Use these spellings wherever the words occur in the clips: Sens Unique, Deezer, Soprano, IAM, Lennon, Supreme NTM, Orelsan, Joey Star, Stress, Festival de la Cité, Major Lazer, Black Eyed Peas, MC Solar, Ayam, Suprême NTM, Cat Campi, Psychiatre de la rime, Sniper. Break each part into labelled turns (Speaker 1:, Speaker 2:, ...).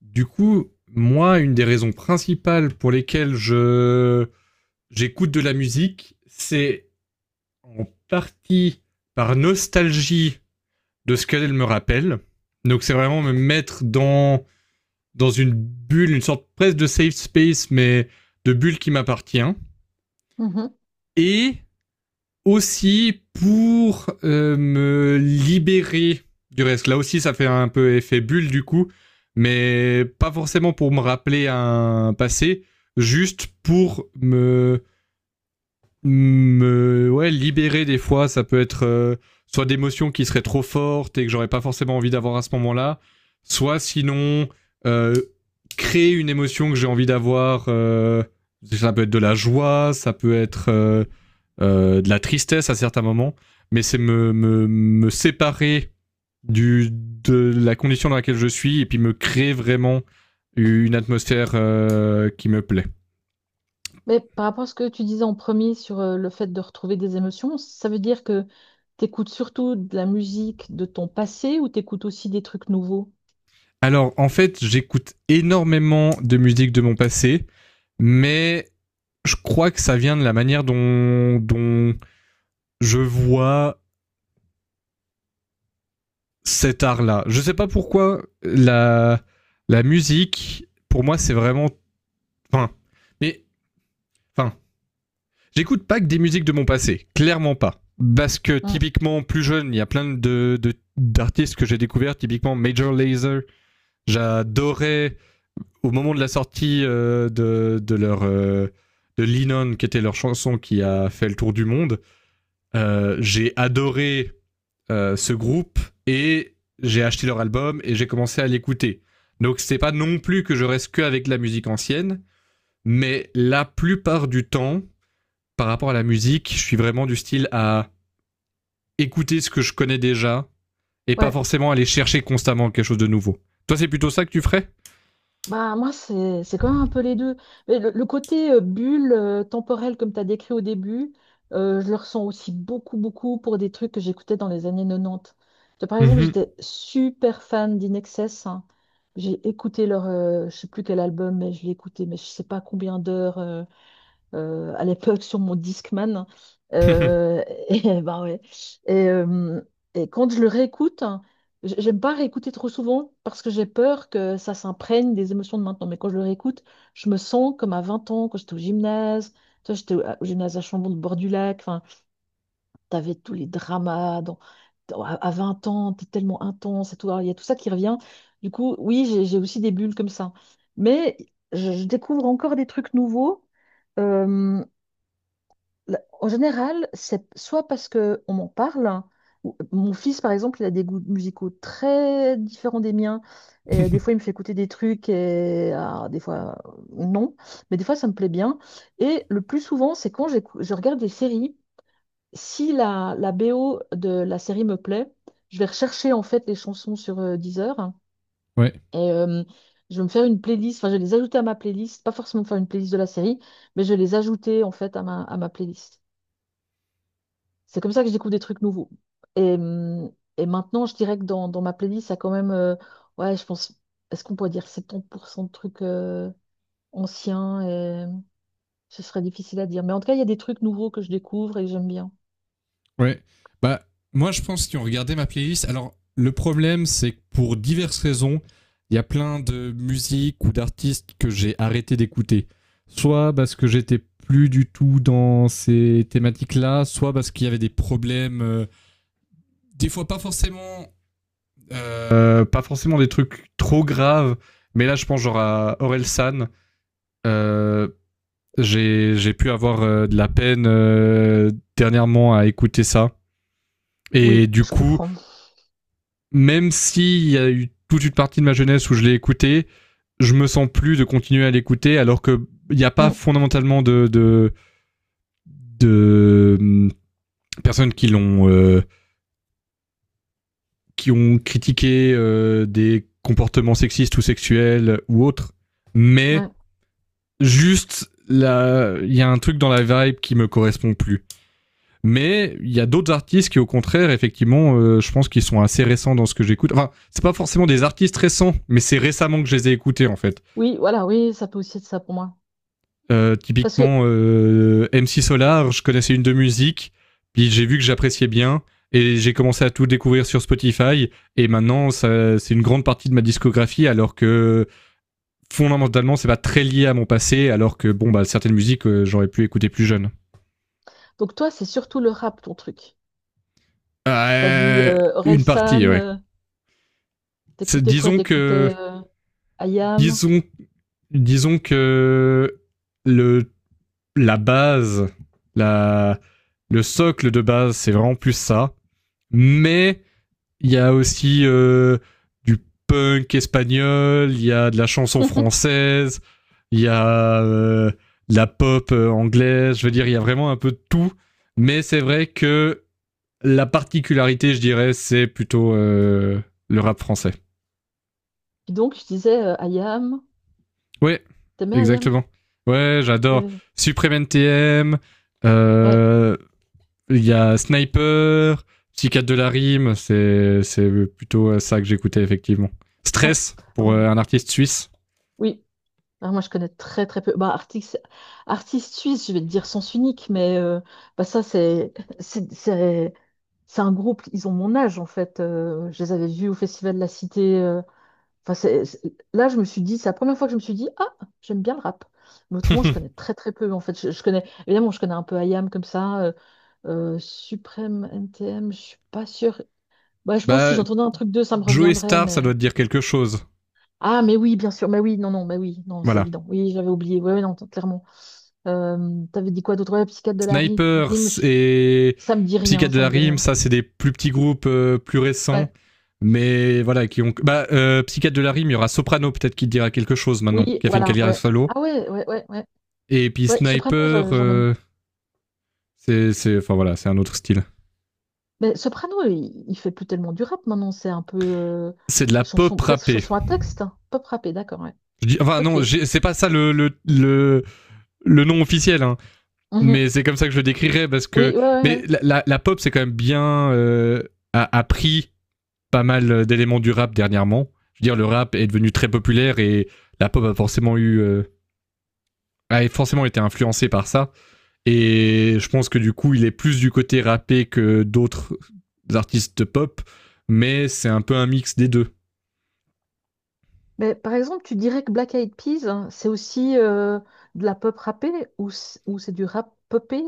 Speaker 1: Du coup, moi, une des raisons principales pour lesquelles je j'écoute de la musique, c'est en partie par nostalgie de ce qu'elle me rappelle. Donc c'est vraiment me mettre dans une bulle, une sorte presque de safe space, mais de bulle qui m'appartient.
Speaker 2: Mhm.
Speaker 1: Et aussi pour me libérer du reste. Là aussi, ça fait un peu effet bulle du coup, mais pas forcément pour me rappeler un passé, juste pour me, ouais, libérer des fois. Ça peut être soit d'émotions qui seraient trop fortes et que j'aurais pas forcément envie d'avoir à ce moment-là, soit sinon euh, créer une émotion que j'ai envie d'avoir. Ça peut être de la joie, ça peut être de la tristesse à certains moments, mais c'est me séparer de la condition dans laquelle je suis et puis me créer vraiment une atmosphère qui me plaît.
Speaker 2: Mais par rapport à ce que tu disais en premier sur le fait de retrouver des émotions, ça veut dire que t'écoutes surtout de la musique de ton passé ou t'écoutes aussi des trucs nouveaux?
Speaker 1: Alors en fait, j'écoute énormément de musique de mon passé, mais je crois que ça vient de la manière dont je vois cet art-là. Je sais pas pourquoi la musique, pour moi, c'est vraiment. Enfin, mais. Enfin, j'écoute pas que des musiques de mon passé, clairement pas. Parce que
Speaker 2: Mm.
Speaker 1: typiquement, plus jeune, il y a plein d'artistes que j'ai découverts, typiquement Major Lazer. J'adorais au moment de la sortie de leur. De Lennon, qui était leur chanson qui a fait le tour du monde. J'ai adoré ce groupe et j'ai acheté leur album et j'ai commencé à l'écouter. Donc c'est pas non plus que je reste que avec la musique ancienne, mais la plupart du temps, par rapport à la musique, je suis vraiment du style à écouter ce que je connais déjà et pas
Speaker 2: Ouais.
Speaker 1: forcément aller chercher constamment quelque chose de nouveau. Toi, c'est plutôt ça que tu ferais?
Speaker 2: Bah moi c'est quand même un peu les deux. Mais le côté bulle temporelle comme tu as décrit au début, je le ressens aussi beaucoup pour des trucs que j'écoutais dans les années 90. Tu vois, par exemple,
Speaker 1: Mhm.
Speaker 2: j'étais super fan d'In hein. J'ai écouté leur, je sais plus quel album, mais je l'ai écouté, mais je sais pas combien d'heures, à l'époque sur mon Discman. Euh, et bah ouais. Et, euh, et quand je le réécoute, hein, j'aime pas réécouter trop souvent parce que j'ai peur que ça s'imprègne des émotions de maintenant. Mais quand je le réécoute, je me sens comme à 20 ans, quand j'étais au gymnase. Tu vois, j'étais au gymnase à Chambon, de bord du lac. Enfin, t'avais tous les dramas à 20 ans, t'es tellement intense et tout. Alors, il y a tout ça qui revient. Du coup, oui, j'ai aussi des bulles comme ça. Mais je découvre encore des trucs nouveaux. euh, En général, c'est soit parce que on m'en parle, hein, mon fils par exemple, il a des goûts musicaux très différents des miens, et des fois il me fait écouter des trucs, et ah, des fois non, mais des fois ça me plaît bien. Et le plus souvent, c'est quand je regarde des séries, si la BO de la série me plaît, je vais rechercher en fait les chansons sur Deezer, hein,
Speaker 1: Ouais,
Speaker 2: et je vais me faire une playlist, enfin je vais les ajouter à ma playlist, pas forcément faire une playlist de la série, mais je vais les ajouter en fait à ma playlist. C'est comme ça que je découvre des trucs nouveaux. Et, hum, et maintenant, je dirais que dans ma playlist, ça a quand même, ouais, je pense, est-ce qu'on pourrait dire 70% de trucs anciens et ce serait difficile à dire. Mais en tout cas, il y a des trucs nouveaux que je découvre et que j'aime bien.
Speaker 1: ouais. Bah, moi, je pense qu'ils ont regardé ma playlist. Alors, le problème, c'est que pour diverses raisons, il y a plein de musiques ou d'artistes que j'ai arrêté d'écouter. Soit parce que j'étais plus du tout dans ces thématiques-là, soit parce qu'il y avait des problèmes, des fois pas forcément des trucs trop graves, mais là, je pense genre à Orelsan. Euh, j'ai pu avoir de la peine dernièrement à écouter ça. Et
Speaker 2: Oui,
Speaker 1: du
Speaker 2: je
Speaker 1: coup,
Speaker 2: comprends.
Speaker 1: même s'il y a eu toute une partie de ma jeunesse où je l'ai écouté, je me sens plus de continuer à l'écouter alors que il n'y a pas
Speaker 2: Hmm,
Speaker 1: fondamentalement de personnes qui ont critiqué des comportements sexistes ou sexuels ou autres. Mais
Speaker 2: ouais.
Speaker 1: juste, là, il y a un truc dans la vibe qui me correspond plus. Mais il y a d'autres artistes qui, au contraire, effectivement, je pense qu'ils sont assez récents dans ce que j'écoute. Enfin, c'est pas forcément des artistes récents, mais c'est récemment que je les ai écoutés, en fait.
Speaker 2: Oui, voilà, oui, ça peut aussi être ça pour moi. Parce que,
Speaker 1: Typiquement, MC Solar, je connaissais une de musique, puis j'ai vu que j'appréciais bien, et j'ai commencé à tout découvrir sur Spotify, et maintenant, ça, c'est une grande partie de ma discographie, alors que fondamentalement, c'est pas très lié à mon passé, alors que, bon, bah, certaines musiques, j'aurais pu écouter plus jeune.
Speaker 2: donc toi, c'est surtout le rap, ton truc. T'as dit
Speaker 1: Euh, une partie,
Speaker 2: Orelsan,
Speaker 1: oui.
Speaker 2: t'écoutais quoi?
Speaker 1: Disons
Speaker 2: T'écoutais
Speaker 1: que,
Speaker 2: IAM?
Speaker 1: disons, disons que le, la base, la, le socle de base, c'est vraiment plus ça. Mais il y a aussi du punk espagnol, il y a de la chanson
Speaker 2: Puis
Speaker 1: française, il y a de la pop anglaise. Je veux dire, il y a vraiment un peu de tout. Mais c'est vrai que la particularité, je dirais, c'est plutôt le rap français.
Speaker 2: donc, je disais Ayam.
Speaker 1: Ouais,
Speaker 2: T'aimais Ayam?
Speaker 1: exactement. Ouais,
Speaker 2: Il y
Speaker 1: j'adore.
Speaker 2: avait-
Speaker 1: Supreme NTM,
Speaker 2: Ouais,
Speaker 1: euh, il y a Sniper, Psychiatre de la rime, c'est plutôt ça que j'écoutais effectivement.
Speaker 2: ouais,
Speaker 1: Stress, pour
Speaker 2: ouais.
Speaker 1: un artiste suisse.
Speaker 2: Oui. Alors, moi, je connais très, très peu. Bah, artiste suisse, je vais te dire sens unique, mais bah, ça, c'est c'est- c'est- c'est un groupe, ils ont mon âge, en fait. Je les avais vus au Festival de la Cité. Enfin, là, je me suis dit, c'est la première fois que je me suis dit, ah, j'aime bien le rap. Mais autrement, je connais très, très peu, en fait. Je connais, évidemment, je connais un peu Ayam comme ça. Suprême N T M. Je suis pas sûre. Bah, je pense que si
Speaker 1: Bah,
Speaker 2: j'entendais un truc d'eux, ça me
Speaker 1: Joey
Speaker 2: reviendrait,
Speaker 1: Star, ça
Speaker 2: mais...
Speaker 1: doit te dire quelque chose.
Speaker 2: Ah, mais oui, bien sûr, mais oui, mais oui, non, c'est
Speaker 1: Voilà.
Speaker 2: évident. Oui, j'avais oublié, oui, non, clairement. T'avais dit quoi d'autre? Ouais, psychiatre de la
Speaker 1: Sniper
Speaker 2: rime,
Speaker 1: et
Speaker 2: ça me dit rien,
Speaker 1: Psychiatre de
Speaker 2: ça
Speaker 1: la
Speaker 2: me dit
Speaker 1: rime,
Speaker 2: rien.
Speaker 1: ça c'est des plus petits groupes plus récents.
Speaker 2: Ouais.
Speaker 1: Mais voilà, qui ont. Bah, Psychiatre de la rime, il y aura Soprano peut-être qui te dira quelque chose maintenant,
Speaker 2: Oui,
Speaker 1: qui a fait une
Speaker 2: voilà,
Speaker 1: carrière
Speaker 2: ouais.
Speaker 1: solo.
Speaker 2: Ah ouais, ouais, ouais, ouais.
Speaker 1: Et puis
Speaker 2: Ouais, Soprano,
Speaker 1: Sniper,
Speaker 2: j'en aime.
Speaker 1: enfin voilà, c'est un autre style.
Speaker 2: Mais Soprano, il fait plus tellement du rap maintenant, c'est un peu
Speaker 1: C'est de la pop
Speaker 2: chanson, presque
Speaker 1: rappée.
Speaker 2: chanson à texte. Hein. Pop rappé, d'accord, ouais.
Speaker 1: Je dis, enfin
Speaker 2: Ok.
Speaker 1: non, c'est pas ça le nom officiel, hein. Mais
Speaker 2: Mhm.
Speaker 1: c'est comme ça que je le décrirais parce que,
Speaker 2: Oui, ouais, ouais,
Speaker 1: mais
Speaker 2: ouais.
Speaker 1: la pop c'est quand même bien a pris pas mal d'éléments du rap dernièrement. Je veux dire, le rap est devenu très populaire et la pop a forcément été influencée par ça. Et je pense que du coup, il est plus du côté rappé que d'autres artistes pop, mais c'est un peu un mix des deux.
Speaker 2: Mais par exemple, tu dirais que Black Eyed Peas, hein, c'est aussi de la pop rappée ou ou c'est du rap popé?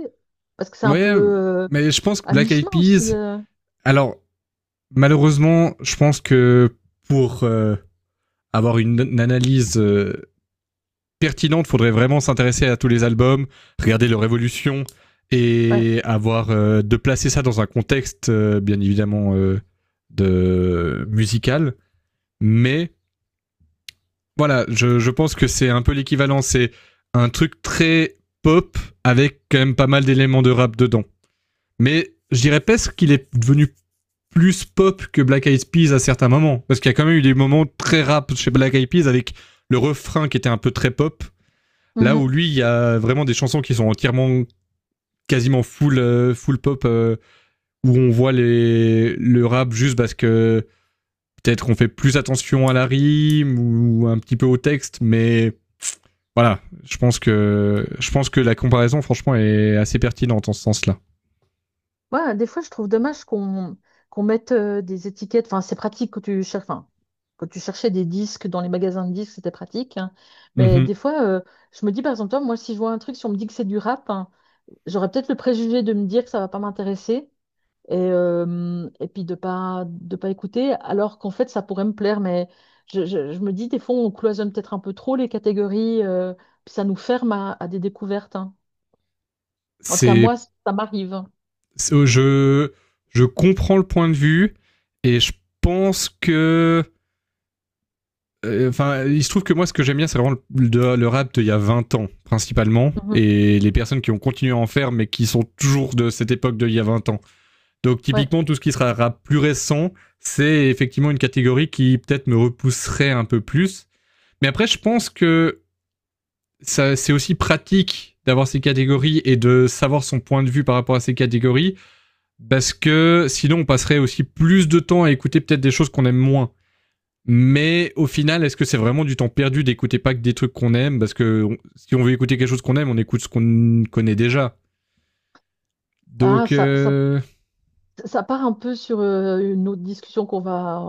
Speaker 2: Parce que c'est un peu
Speaker 1: Ouais, mais je pense que
Speaker 2: à
Speaker 1: Black Eyed
Speaker 2: mi-chemin aussi.
Speaker 1: Peas. Alors, malheureusement, je pense que pour avoir une analyse pertinente, il faudrait vraiment s'intéresser à tous les albums, regarder leur évolution
Speaker 2: Ouais.
Speaker 1: et avoir de placer ça dans un contexte bien évidemment de musical. Mais voilà, je pense que c'est un peu l'équivalent. C'est un truc très pop avec quand même pas mal d'éléments de rap dedans. Mais je dirais presque qu'il est devenu plus pop que Black Eyed Peas à certains moments. Parce qu'il y a quand même eu des moments très rap chez Black Eyed Peas avec le refrain qui était un peu très pop. Là où
Speaker 2: Mhm.
Speaker 1: lui, il y a vraiment des chansons qui sont entièrement quasiment full, pop, où on voit le rap juste parce que peut-être qu'on fait plus attention à la rime ou un petit peu au texte, mais voilà, je pense que la comparaison, franchement, est assez pertinente en ce sens-là.
Speaker 2: Ouais, des fois, je trouve dommage qu'on mette des étiquettes. Enfin, c'est pratique quand tu cherches. Enfin, quand tu cherchais des disques dans les magasins de disques, c'était pratique. Hein. Mais
Speaker 1: Mhm.
Speaker 2: des fois, je me dis, par exemple, toi, moi, si je vois un truc, si on me dit que c'est du rap, hein, j'aurais peut-être le préjugé de me dire que ça va pas m'intéresser, et puis de pas écouter alors qu'en fait ça pourrait me plaire mais je me dis des fois on cloisonne peut-être un peu trop les catégories puis ça nous ferme à des découvertes hein. En tout cas moi
Speaker 1: C'est
Speaker 2: ça m'arrive.
Speaker 1: je, je comprends le point de vue et je pense que. Enfin, il se trouve que moi, ce que j'aime bien, c'est vraiment le rap d'il y a 20 ans, principalement,
Speaker 2: Mhm.
Speaker 1: et les personnes qui ont continué à en faire, mais qui sont toujours de cette époque d'il y a 20 ans. Donc,
Speaker 2: Ouais.
Speaker 1: typiquement, tout ce qui sera rap plus récent, c'est effectivement une catégorie qui peut-être me repousserait un peu plus. Mais après, je pense que c'est aussi pratique d'avoir ces catégories et de savoir son point de vue par rapport à ces catégories parce que sinon on passerait aussi plus de temps à écouter peut-être des choses qu'on aime moins. Mais au final, est-ce que c'est vraiment du temps perdu d'écouter pas que des trucs qu'on aime? Parce que si on veut écouter quelque chose qu'on aime, on écoute ce qu'on connaît déjà.
Speaker 2: Ah
Speaker 1: Donc
Speaker 2: ça, ça ça part un peu sur une autre discussion qu'on va,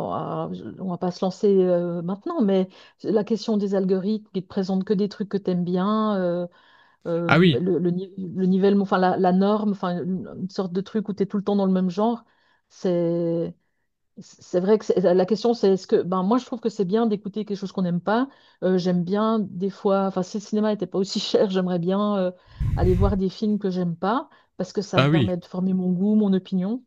Speaker 2: on va pas se lancer maintenant mais la question des algorithmes qui te présentent que des trucs que t'aimes bien,
Speaker 1: ah oui,
Speaker 2: le, ni- le nivellement, enfin la norme, enfin une sorte de truc où tu es tout le temps dans le même genre, c'est c'est vrai que la question c'est est-ce que ben moi je trouve que c'est bien d'écouter quelque chose qu'on n'aime pas. J'aime bien des fois, enfin si le cinéma n'était pas aussi cher, j'aimerais bien aller voir des films que j'aime pas parce que ça
Speaker 1: ah
Speaker 2: me
Speaker 1: oui.
Speaker 2: permet de former mon goût, mon opinion,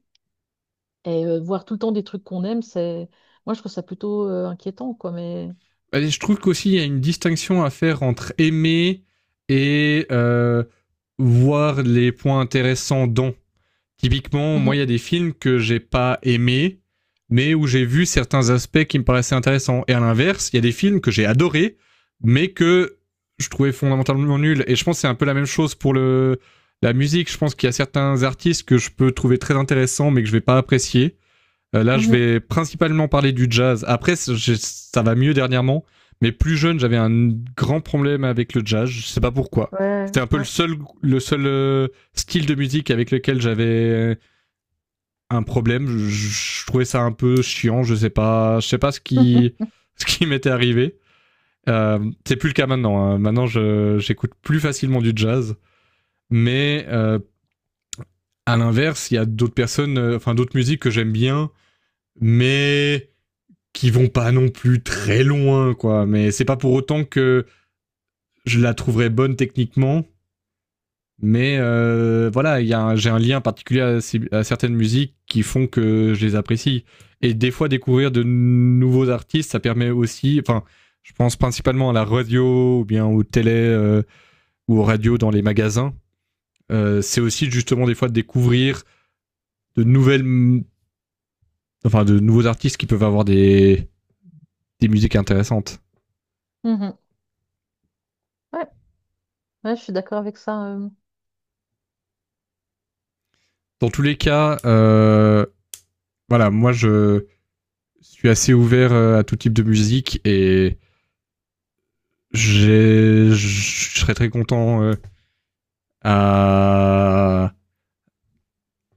Speaker 2: et voir tout le temps des trucs qu'on aime, c'est, moi je trouve ça plutôt inquiétant quoi mais.
Speaker 1: Je trouve qu'aussi il y a une distinction à faire entre aimer et voir les points intéressants dans. Typiquement, moi, il
Speaker 2: Mhm,
Speaker 1: y a des films que j'ai pas aimés, mais où j'ai vu certains aspects qui me paraissaient intéressants. Et à l'inverse, il y a des films que j'ai adorés, mais que je trouvais fondamentalement nuls. Et je pense que c'est un peu la même chose pour la musique. Je pense qu'il y a certains artistes que je peux trouver très intéressants, mais que je vais pas apprécier. Là, je
Speaker 2: mhm.
Speaker 1: vais principalement parler du jazz. Après, ça va mieux dernièrement. Mais plus jeune, j'avais un grand problème avec le jazz. Je sais pas pourquoi.
Speaker 2: Ouais
Speaker 1: C'était un peu
Speaker 2: ouais.
Speaker 1: le seul style de musique avec lequel j'avais un problème. Je trouvais ça un peu chiant. Je sais pas ce qui, ce qui m'était arrivé. Euh, c'est plus le cas maintenant. Hein. Maintenant, j'écoute plus facilement du jazz. Mais à l'inverse, il y a enfin d'autres musiques que j'aime bien, mais qui vont pas non plus très loin, quoi. Mais c'est pas pour autant que je la trouverais bonne techniquement. Mais voilà, y a j'ai un lien particulier à certaines musiques qui font que je les apprécie. Et des fois, découvrir de nouveaux artistes, ça permet aussi. Enfin, je pense principalement à la radio ou bien aux télé ou aux radios dans les magasins. C'est aussi justement des fois de découvrir de nouvelles, enfin de nouveaux artistes qui peuvent avoir des musiques intéressantes.
Speaker 2: Mhm, mhm. Ouais, ouais, je suis d'accord avec ça.
Speaker 1: Dans tous les cas, voilà, moi je suis assez ouvert à tout type de musique et je serais très content à,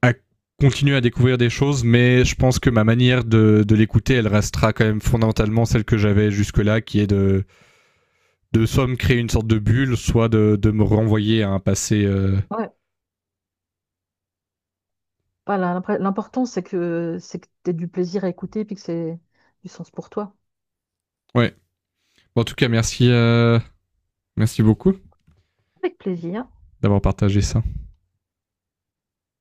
Speaker 1: à continuer à découvrir des choses, mais je pense que ma manière de l'écouter, elle restera quand même fondamentalement celle que j'avais jusque-là, qui est de soit me créer une sorte de bulle, soit de me renvoyer à un passé.
Speaker 2: Ouais. Voilà, l'important, c'est que tu aies du plaisir à écouter et puis que c'est du sens pour toi.
Speaker 1: Ouais. Bon, en tout cas, merci beaucoup
Speaker 2: Avec plaisir.
Speaker 1: d'avoir partagé ça.